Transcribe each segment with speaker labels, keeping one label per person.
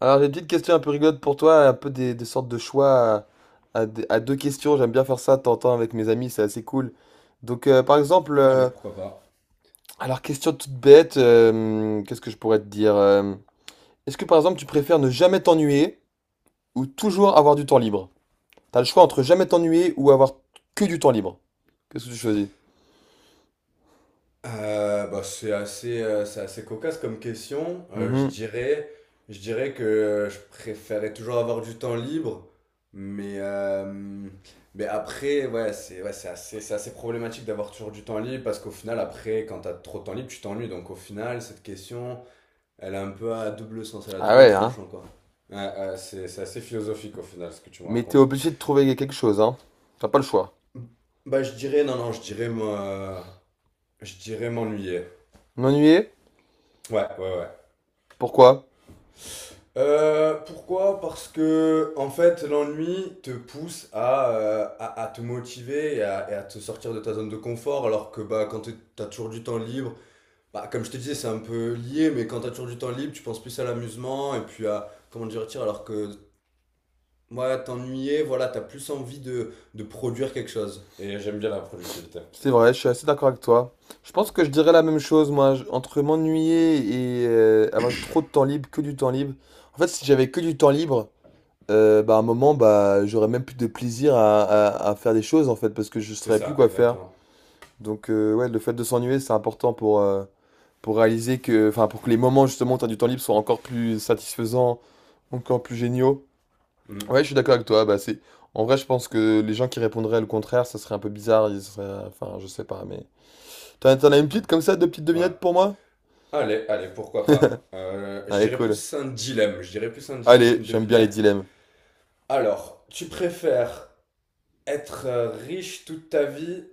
Speaker 1: Alors, j'ai une petite question un peu rigolote pour toi, un peu des sortes de choix à deux questions. J'aime bien faire ça de temps en temps avec mes amis, c'est assez cool. Donc, par exemple,
Speaker 2: Allez, pourquoi pas.
Speaker 1: alors, question toute bête, qu'est-ce que je pourrais te dire? Est-ce que, par exemple, tu préfères ne jamais t'ennuyer ou toujours avoir du temps libre? T'as le choix entre jamais t'ennuyer ou avoir que du temps libre. Qu'est-ce que tu choisis?
Speaker 2: Bah, c'est assez cocasse comme question. Euh, je
Speaker 1: Mhm.
Speaker 2: dirais, je dirais que je préférais toujours avoir du temps libre, mais, euh, mais après, ouais, c'est, ouais, c'est assez problématique d'avoir toujours du temps libre parce qu'au final, après, quand t'as trop de temps libre, tu t'ennuies. Donc au final, cette question, elle a un peu à double sens, elle a
Speaker 1: Ah
Speaker 2: double
Speaker 1: ouais, hein?
Speaker 2: tranchant, quoi. Ouais, ouais, c'est assez philosophique au final, ce que tu me
Speaker 1: Mais t'es
Speaker 2: racontes.
Speaker 1: obligé de trouver quelque chose, hein? T'as pas le choix.
Speaker 2: Bah, je dirais, non, non, je dirais, moi, je dirais m'ennuyer.
Speaker 1: M'ennuyer?
Speaker 2: Ouais, ouais, ouais.
Speaker 1: Pourquoi?
Speaker 2: Pourquoi? Parce que en fait, l'ennui te pousse à te motiver et à te sortir de ta zone de confort, alors que bah, quand t'as toujours du temps libre, bah, comme je te disais, c'est un peu lié, mais quand t'as toujours du temps libre, tu penses plus à l'amusement et puis à comment dire, tiens, alors que moi, t'ennuyer, voilà, t'as plus envie de produire quelque chose. Et j'aime bien la productivité.
Speaker 1: C'est vrai, je suis assez d'accord avec toi. Je pense que je dirais la même chose, moi, entre m'ennuyer et avoir trop de temps libre, que du temps libre. En fait, si j'avais que du temps libre, bah, à un moment, bah, j'aurais même plus de plaisir à faire des choses, en fait, parce que je ne
Speaker 2: C'est
Speaker 1: saurais plus
Speaker 2: ça.
Speaker 1: quoi faire.
Speaker 2: Exactement.
Speaker 1: Donc, ouais, le fait de s'ennuyer, c'est important pour réaliser que, enfin, pour que les moments, justement, où tu as du temps libre soient encore plus satisfaisants, encore plus géniaux. Ouais,
Speaker 2: Mm.
Speaker 1: je suis d'accord avec toi, bah, c'est... En vrai, je pense que les gens qui répondraient le contraire, ça serait un peu bizarre, ils seraient... Enfin, je sais pas, mais... T'en as une petite comme ça, deux petites
Speaker 2: Ouais.
Speaker 1: devinettes pour moi?
Speaker 2: Allez, allez, pourquoi pas. Je
Speaker 1: Allez,
Speaker 2: dirais
Speaker 1: cool.
Speaker 2: plus un dilemme. Je dirais plus un dilemme
Speaker 1: Allez,
Speaker 2: qu'une
Speaker 1: j'aime bien les
Speaker 2: devinette.
Speaker 1: dilemmes.
Speaker 2: Alors, tu préfères être riche toute ta vie,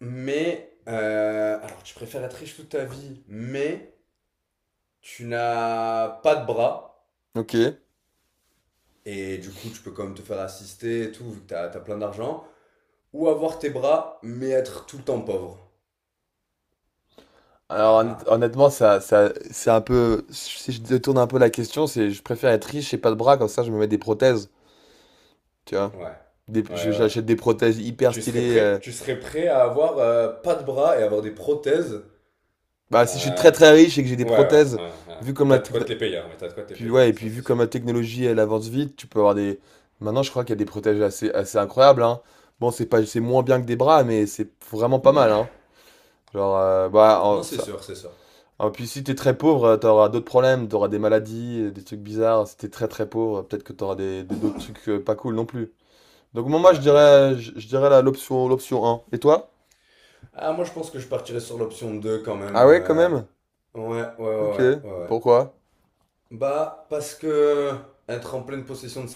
Speaker 2: mais, alors, tu préfères être riche toute ta vie, mais tu n'as pas de bras,
Speaker 1: Ok.
Speaker 2: et du coup, tu peux quand même te faire assister et tout, vu que t'as plein d'argent, ou avoir tes bras, mais être tout le temps pauvre.
Speaker 1: Alors
Speaker 2: Ah ah,
Speaker 1: honnêtement, ça, c'est un peu. Si je détourne un peu la question, c'est je préfère être riche et pas de bras, comme ça je me mets des prothèses. Tu vois?
Speaker 2: ouais, ouais, ouais. Ouais.
Speaker 1: J'achète des prothèses hyper
Speaker 2: Tu serais
Speaker 1: stylées.
Speaker 2: prêt, tu serais prêt à avoir pas de bras et avoir des prothèses?
Speaker 1: Bah si je suis très
Speaker 2: Euh,
Speaker 1: très riche et que j'ai des
Speaker 2: ouais, ouais,
Speaker 1: prothèses,
Speaker 2: ouais, ouais.
Speaker 1: vu comme la
Speaker 2: T'as de quoi
Speaker 1: techno-
Speaker 2: te les payer, hein, mais t'as de quoi te les
Speaker 1: puis
Speaker 2: payer,
Speaker 1: ouais,
Speaker 2: ouais,
Speaker 1: et
Speaker 2: ça
Speaker 1: puis
Speaker 2: c'est
Speaker 1: vu
Speaker 2: sûr.
Speaker 1: comme la technologie elle avance vite, tu peux avoir des. Maintenant je crois qu'il y a des prothèses assez, assez incroyables, hein. Bon, c'est pas, c'est moins bien que des bras, mais c'est vraiment pas mal, hein. Genre, bah,
Speaker 2: Non, c'est sûr, c'est sûr.
Speaker 1: Ah, puis si t'es très pauvre, t'auras d'autres problèmes, t'auras des maladies, des trucs bizarres. Si t'es très très pauvre, peut-être que t'auras d'autres trucs pas cool non plus. Donc moi, je
Speaker 2: Ouais, non, je suis
Speaker 1: dirais,
Speaker 2: d'accord.
Speaker 1: je dirais l'option un. Et toi?
Speaker 2: Ah, moi je pense que je partirais sur l'option 2 quand même.
Speaker 1: Ah ouais, quand même?
Speaker 2: Ouais, ouais,
Speaker 1: Ok.
Speaker 2: ouais, ouais, ouais.
Speaker 1: Pourquoi?
Speaker 2: Bah, parce que être en pleine possession de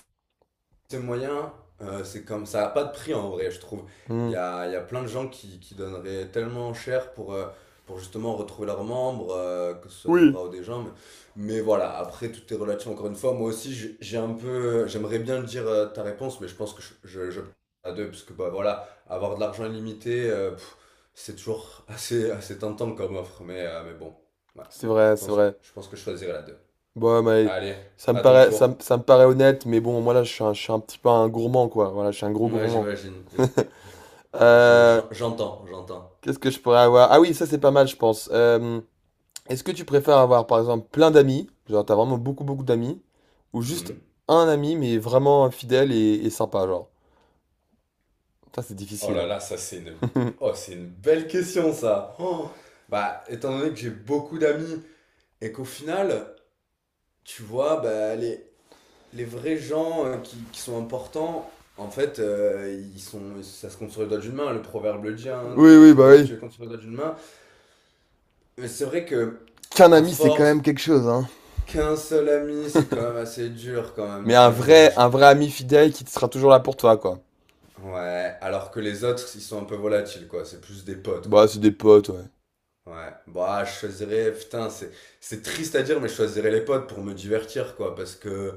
Speaker 2: c'est moyen, c'est comme ça n'a pas de prix en vrai, je trouve. Il
Speaker 1: Hmm.
Speaker 2: y a, il y a plein de gens qui donneraient tellement cher pour justement retrouver leurs membres, que ce soit des
Speaker 1: Oui.
Speaker 2: bras ou des jambes. Mais voilà, après tout est relatif encore une fois. Moi aussi, j'ai un peu, j'aimerais bien dire ta réponse, mais je pense que je à deux, parce que bah voilà, avoir de l'argent illimité, pff, c'est toujours assez, assez tentant comme offre. Mais bon, ouais,
Speaker 1: C'est
Speaker 2: je
Speaker 1: vrai, c'est
Speaker 2: pense,
Speaker 1: vrai.
Speaker 2: je pense que je choisirais la deux.
Speaker 1: Bon, mais
Speaker 2: Allez, à ton tour.
Speaker 1: ça me paraît honnête, mais bon, moi là, je suis un petit peu un gourmand, quoi. Voilà, je suis un gros
Speaker 2: Ouais,
Speaker 1: gourmand.
Speaker 2: j'imagine. Je,
Speaker 1: Euh,
Speaker 2: j'en- j'entends, j'entends.
Speaker 1: qu'est-ce que je pourrais avoir? Ah oui, ça c'est pas mal, je pense. Est-ce que tu préfères avoir, par exemple, plein d'amis, genre t'as vraiment beaucoup beaucoup d'amis, ou juste
Speaker 2: Hmm.
Speaker 1: un ami mais vraiment fidèle et sympa, genre? Ça c'est
Speaker 2: Oh
Speaker 1: difficile,
Speaker 2: là
Speaker 1: hein.
Speaker 2: là, ça c'est une. Oh, c'est une belle question ça. Oh. Bah, étant donné que j'ai beaucoup d'amis et qu'au final, tu vois, bah, les vrais gens qui sont importants, en fait, ils sont, ça se compte sur les doigts d'une main. Le proverbe le dit, hein,
Speaker 1: Oui,
Speaker 2: tes,
Speaker 1: oui,
Speaker 2: tes
Speaker 1: bah
Speaker 2: vrais amis,
Speaker 1: oui.
Speaker 2: tu les comptes sur les doigts d'une main. Mais c'est vrai que,
Speaker 1: Qu'un
Speaker 2: à
Speaker 1: ami, c'est quand même
Speaker 2: force,
Speaker 1: quelque chose, hein.
Speaker 2: qu'un seul ami, c'est quand même assez dur quand
Speaker 1: Mais
Speaker 2: même. Ah, je- je- je-
Speaker 1: un vrai ami fidèle qui te sera toujours là pour toi, quoi.
Speaker 2: Ouais, alors que les autres, ils sont un peu volatiles, quoi. C'est plus des potes,
Speaker 1: Bah c'est
Speaker 2: quoi.
Speaker 1: des potes, ouais.
Speaker 2: Ouais, bah, je choisirais, putain, c'est triste à dire, mais je choisirais les potes pour me divertir, quoi, parce que,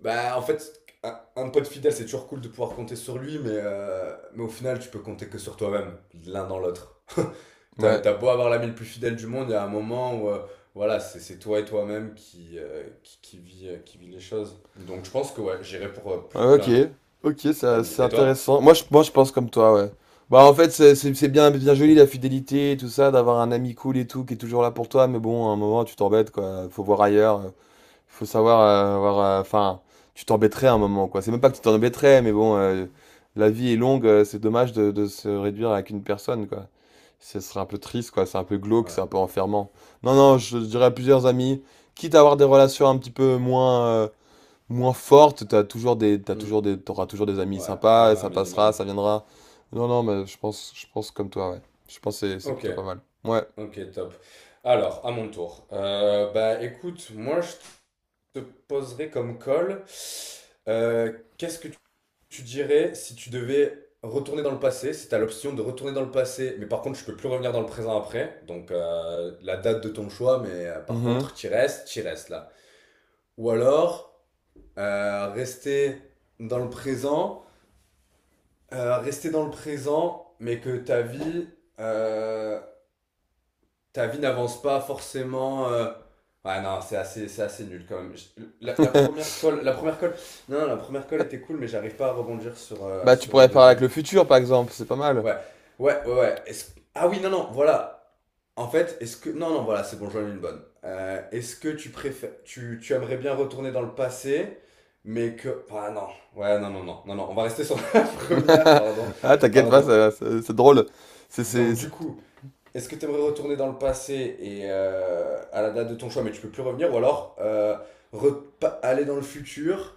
Speaker 2: bah, en fait, un pote fidèle, c'est toujours cool de pouvoir compter sur lui, mais au final, tu peux compter que sur toi-même, l'un dans l'autre. T'as,
Speaker 1: Ouais.
Speaker 2: t'as beau avoir l'ami le plus fidèle du monde, il y a un moment où, voilà, c'est toi et toi-même qui vit les choses. Donc, je pense que, ouais, j'irais pour
Speaker 1: Ouais, ok.
Speaker 2: plein
Speaker 1: Ok, ça
Speaker 2: d'amis.
Speaker 1: c'est
Speaker 2: Et toi?
Speaker 1: intéressant. Moi je pense comme toi, ouais. Bah en fait c'est bien, bien joli la fidélité et tout ça, d'avoir un ami cool et tout qui est toujours là pour toi, mais bon à un moment tu t'embêtes, quoi. Faut voir ailleurs. Faut savoir avoir, enfin, tu t'embêterais à un moment, quoi. C'est même pas que tu t'embêterais, mais bon, la vie est longue, c'est dommage de se réduire à qu'une personne, quoi. Ce serait un peu triste, quoi. C'est un peu glauque,
Speaker 2: Ouais.
Speaker 1: c'est un peu enfermant. Non, non, je dirais à plusieurs amis, quitte à avoir des relations un petit peu moins, moins fortes,
Speaker 2: Hmm.
Speaker 1: t'auras toujours des amis
Speaker 2: Ouais,
Speaker 1: sympas,
Speaker 2: ouais, un
Speaker 1: ça passera,
Speaker 2: minimum.
Speaker 1: ça viendra. Non, non, mais je pense comme toi, ouais. Je pense que c'est
Speaker 2: Ok.
Speaker 1: plutôt pas mal. Ouais.
Speaker 2: Ok, top. Alors, à mon tour. Bah écoute, moi je te poserai comme call. Qu'est-ce que tu dirais si tu devais retourner dans le passé, si tu as l'option de retourner dans le passé, mais par contre tu peux plus revenir dans le présent après, donc la date de ton choix, mais par
Speaker 1: Mhm.
Speaker 2: contre tu restes là. Ou alors, rester dans le présent, mais que euh, ta vie n'avance pas forcément. Ouais, non, c'est assez nul quand même. La première colle, non, la première colle
Speaker 1: Ah,
Speaker 2: était cool, mais j'arrive pas à rebondir sur, euh,
Speaker 1: bah, tu
Speaker 2: sur une
Speaker 1: pourrais parler avec
Speaker 2: deuxième.
Speaker 1: le futur, par exemple, c'est pas mal.
Speaker 2: Ouais, ouais, ouais, ouais. Ah oui, non, non, voilà. En fait, est-ce que. Non, non, voilà, c'est bon, j'en ai une bonne. Est-ce que tu préfères. Tu aimerais bien retourner dans le passé, mais que. Ah non, ouais, non, non, non, non, non, on va rester sur la première, pardon,
Speaker 1: Ah, t'inquiète pas,
Speaker 2: pardon.
Speaker 1: c'est drôle. C'est c'est-
Speaker 2: Donc, du
Speaker 1: c'est-
Speaker 2: coup. Est-ce que tu aimerais retourner dans le passé et à la date de ton choix, mais tu peux plus revenir, ou alors aller dans le futur,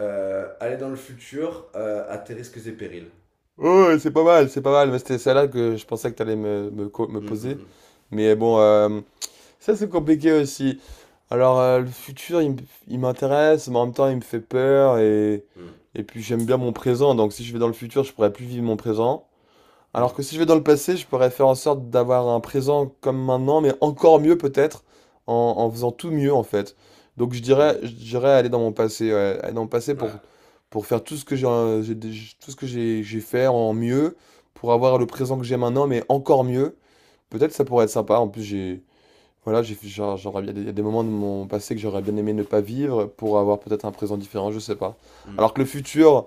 Speaker 2: aller dans le futur à tes risques et périls?
Speaker 1: oh, c'est pas mal, c'est pas mal. Mais c'était celle-là que je pensais que t'allais me
Speaker 2: Mm,
Speaker 1: poser.
Speaker 2: mm,
Speaker 1: Mais bon, ça c'est compliqué aussi. Alors, le futur, il m'intéresse, mais en même temps, il me fait peur. Et,
Speaker 2: mm,
Speaker 1: et puis, j'aime bien mon présent. Donc, si je vais dans le futur, je pourrais plus vivre mon présent. Alors
Speaker 2: mm,
Speaker 1: que si je vais dans le passé, je pourrais faire en sorte d'avoir un présent comme maintenant, mais encore mieux peut-être, en faisant tout mieux en fait. Donc
Speaker 2: mm,
Speaker 1: je dirais aller dans mon passé, ouais, aller dans mon passé
Speaker 2: mm. Ouais.
Speaker 1: pour faire tout ce que j'ai fait en mieux, pour avoir le présent que j'ai maintenant, mais encore mieux. Peut-être ça pourrait être sympa. En plus, voilà, genre, il y a des moments de mon passé que j'aurais bien aimé ne pas vivre pour avoir peut-être un présent différent, je sais pas.
Speaker 2: Mm.
Speaker 1: Alors que le futur.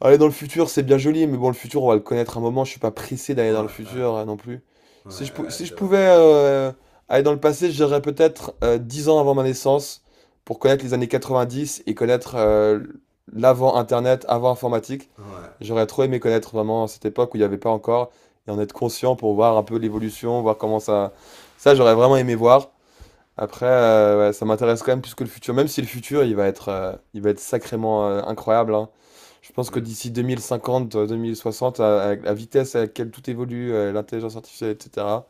Speaker 1: Aller dans le futur, c'est bien joli, mais bon, le futur, on va le connaître un moment. Je suis pas pressé d'aller
Speaker 2: Ouais,
Speaker 1: dans le
Speaker 2: ouais,
Speaker 1: futur non plus.
Speaker 2: ouais,
Speaker 1: Si je, pou-
Speaker 2: ouais,
Speaker 1: si je
Speaker 2: c'est vrai.
Speaker 1: pouvais aller dans le passé, j'irais peut-être 10 ans avant ma naissance pour connaître les années 90 et connaître l'avant Internet, avant informatique.
Speaker 2: Ouais.
Speaker 1: J'aurais trop aimé connaître vraiment cette époque où il n'y avait pas encore et en être conscient pour voir un peu l'évolution, voir comment ça. Ça, j'aurais vraiment aimé voir. Après, ouais, ça m'intéresse quand même plus que le futur, même si le futur, il va être sacrément incroyable, hein. Je pense que
Speaker 2: Mm,
Speaker 1: d'ici 2050 2060, la vitesse à laquelle tout évolue, l'intelligence artificielle, etc.,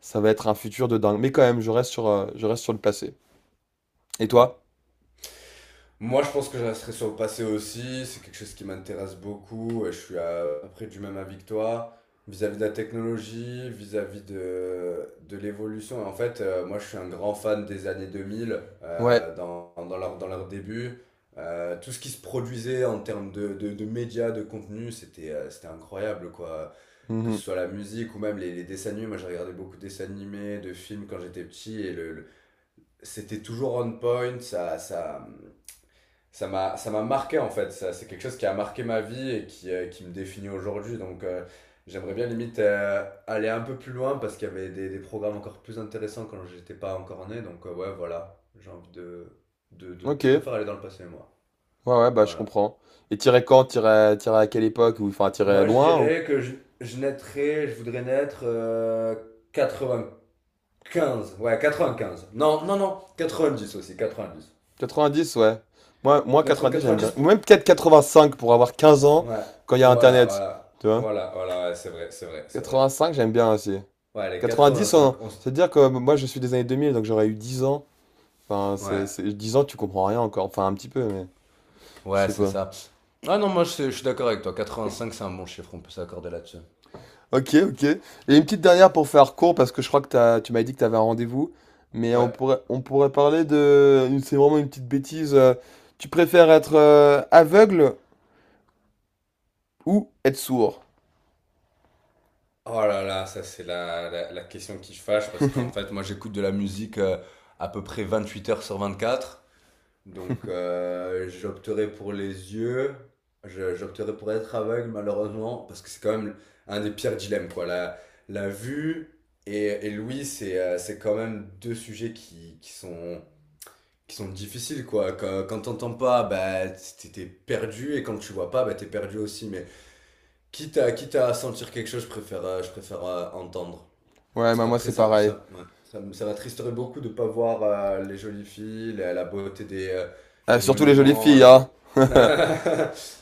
Speaker 1: ça va être un futur de dingue. Mais quand même, je reste sur le passé. Et
Speaker 2: mm.
Speaker 1: toi?
Speaker 2: Moi, je pense que je resterai sur le passé aussi. C'est quelque chose qui m'intéresse beaucoup. Et je suis à peu près du même avis que toi. Vis-à-vis de la technologie, vis-à-vis de l'évolution. Et en fait, moi, je suis un grand fan des années 2000,
Speaker 1: Ouais.
Speaker 2: dans leur début. Tout ce qui se produisait en termes de médias, de contenu, c'était incroyable, quoi. Que ce
Speaker 1: Mhm.
Speaker 2: soit la musique ou même les dessins animés. Moi, j'ai regardé beaucoup de dessins animés, de films quand j'étais petit. Et c'était toujours on point. Ça m'a marqué, en fait. Ça c'est quelque chose qui a marqué ma vie et qui me définit aujourd'hui, donc j'aimerais bien limite aller un peu plus loin parce qu'il y avait des programmes encore plus intéressants quand j'étais pas encore né, donc ouais, voilà, j'ai envie de,
Speaker 1: Ok.
Speaker 2: je préfère aller dans le passé, moi.
Speaker 1: Ouais, ouais, bah je
Speaker 2: Voilà,
Speaker 1: comprends. Et tirer quand? Tirer, tirer à quelle époque? Ou enfin, tirer
Speaker 2: moi je
Speaker 1: loin? Ou
Speaker 2: dirais que je naîtrais je voudrais naître 95, ouais, 95, non, non, non, 90, aussi 90,
Speaker 1: 90 ouais. Moi
Speaker 2: naître en
Speaker 1: 90 j'aime
Speaker 2: 90,
Speaker 1: bien. Ou même
Speaker 2: pour,
Speaker 1: peut-être cinq pour avoir 15 ans
Speaker 2: ouais,
Speaker 1: quand il y a
Speaker 2: voilà,
Speaker 1: Internet.
Speaker 2: voilà,
Speaker 1: Tu vois?
Speaker 2: voilà, voilà, ouais, c'est vrai, c'est vrai, c'est vrai.
Speaker 1: 85, j'aime bien aussi.
Speaker 2: Ouais, les
Speaker 1: 90,
Speaker 2: 85.
Speaker 1: c'est à dire que moi je suis des années 2000, donc j'aurais eu 10 ans. Enfin,
Speaker 2: Ouais.
Speaker 1: 10 ans, tu comprends rien encore. Enfin, un petit peu, mais je
Speaker 2: Ouais,
Speaker 1: sais
Speaker 2: c'est
Speaker 1: pas.
Speaker 2: ça. Ah non, moi je suis d'accord avec toi. 85 c'est un bon chiffre, on peut s'accorder là-dessus.
Speaker 1: Ok, ok. Et une petite dernière pour faire court, parce que je crois que tu m'as dit que tu avais un rendez-vous. Mais
Speaker 2: Ouais.
Speaker 1: on pourrait parler de. C'est vraiment une petite bêtise. Tu préfères être aveugle ou être sourd?
Speaker 2: Oh là là, ça c'est la question qui fâche parce qu'en fait, moi j'écoute de la musique à peu près 28 heures sur 24. Donc j'opterai pour les yeux. J'opterai pour être aveugle malheureusement parce que c'est quand même un des pires dilemmes, quoi. La vue et l'ouïe, c'est c'est quand même deux sujets qui sont difficiles, quoi. Quand t'entends pas, bah, t'es perdu, et quand tu vois pas, bah, t'es perdu aussi. Mais quitte à, quitte à sentir quelque chose, je préfère entendre.
Speaker 1: Ouais, bah moi
Speaker 2: Après,
Speaker 1: c'est
Speaker 2: ça,
Speaker 1: pareil.
Speaker 2: ça, ouais, ça m'attristerait beaucoup de ne pas voir les jolies filles, la beauté des, euh,
Speaker 1: Ah,
Speaker 2: des
Speaker 1: surtout les jolies
Speaker 2: monuments,
Speaker 1: filles, hein.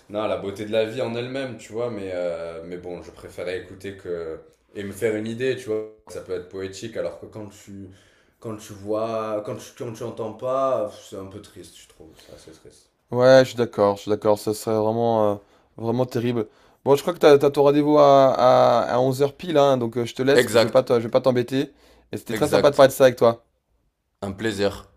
Speaker 2: non, la beauté de la vie en elle-même, tu vois. Mais bon, je préférais écouter que, et me faire une idée, tu vois. Ça peut être poétique, alors que quand tu vois, quand tu entends pas, c'est un peu triste, je trouve. C'est assez triste.
Speaker 1: Ouais, je suis d'accord, ça serait vraiment, vraiment terrible. Bon, je crois que t'as ton rendez-vous à 11 h pile, hein, donc je te laisse,
Speaker 2: Exact,
Speaker 1: je vais pas t'embêter. Et c'était très sympa de
Speaker 2: exact.
Speaker 1: parler de ça avec toi.
Speaker 2: Un plaisir.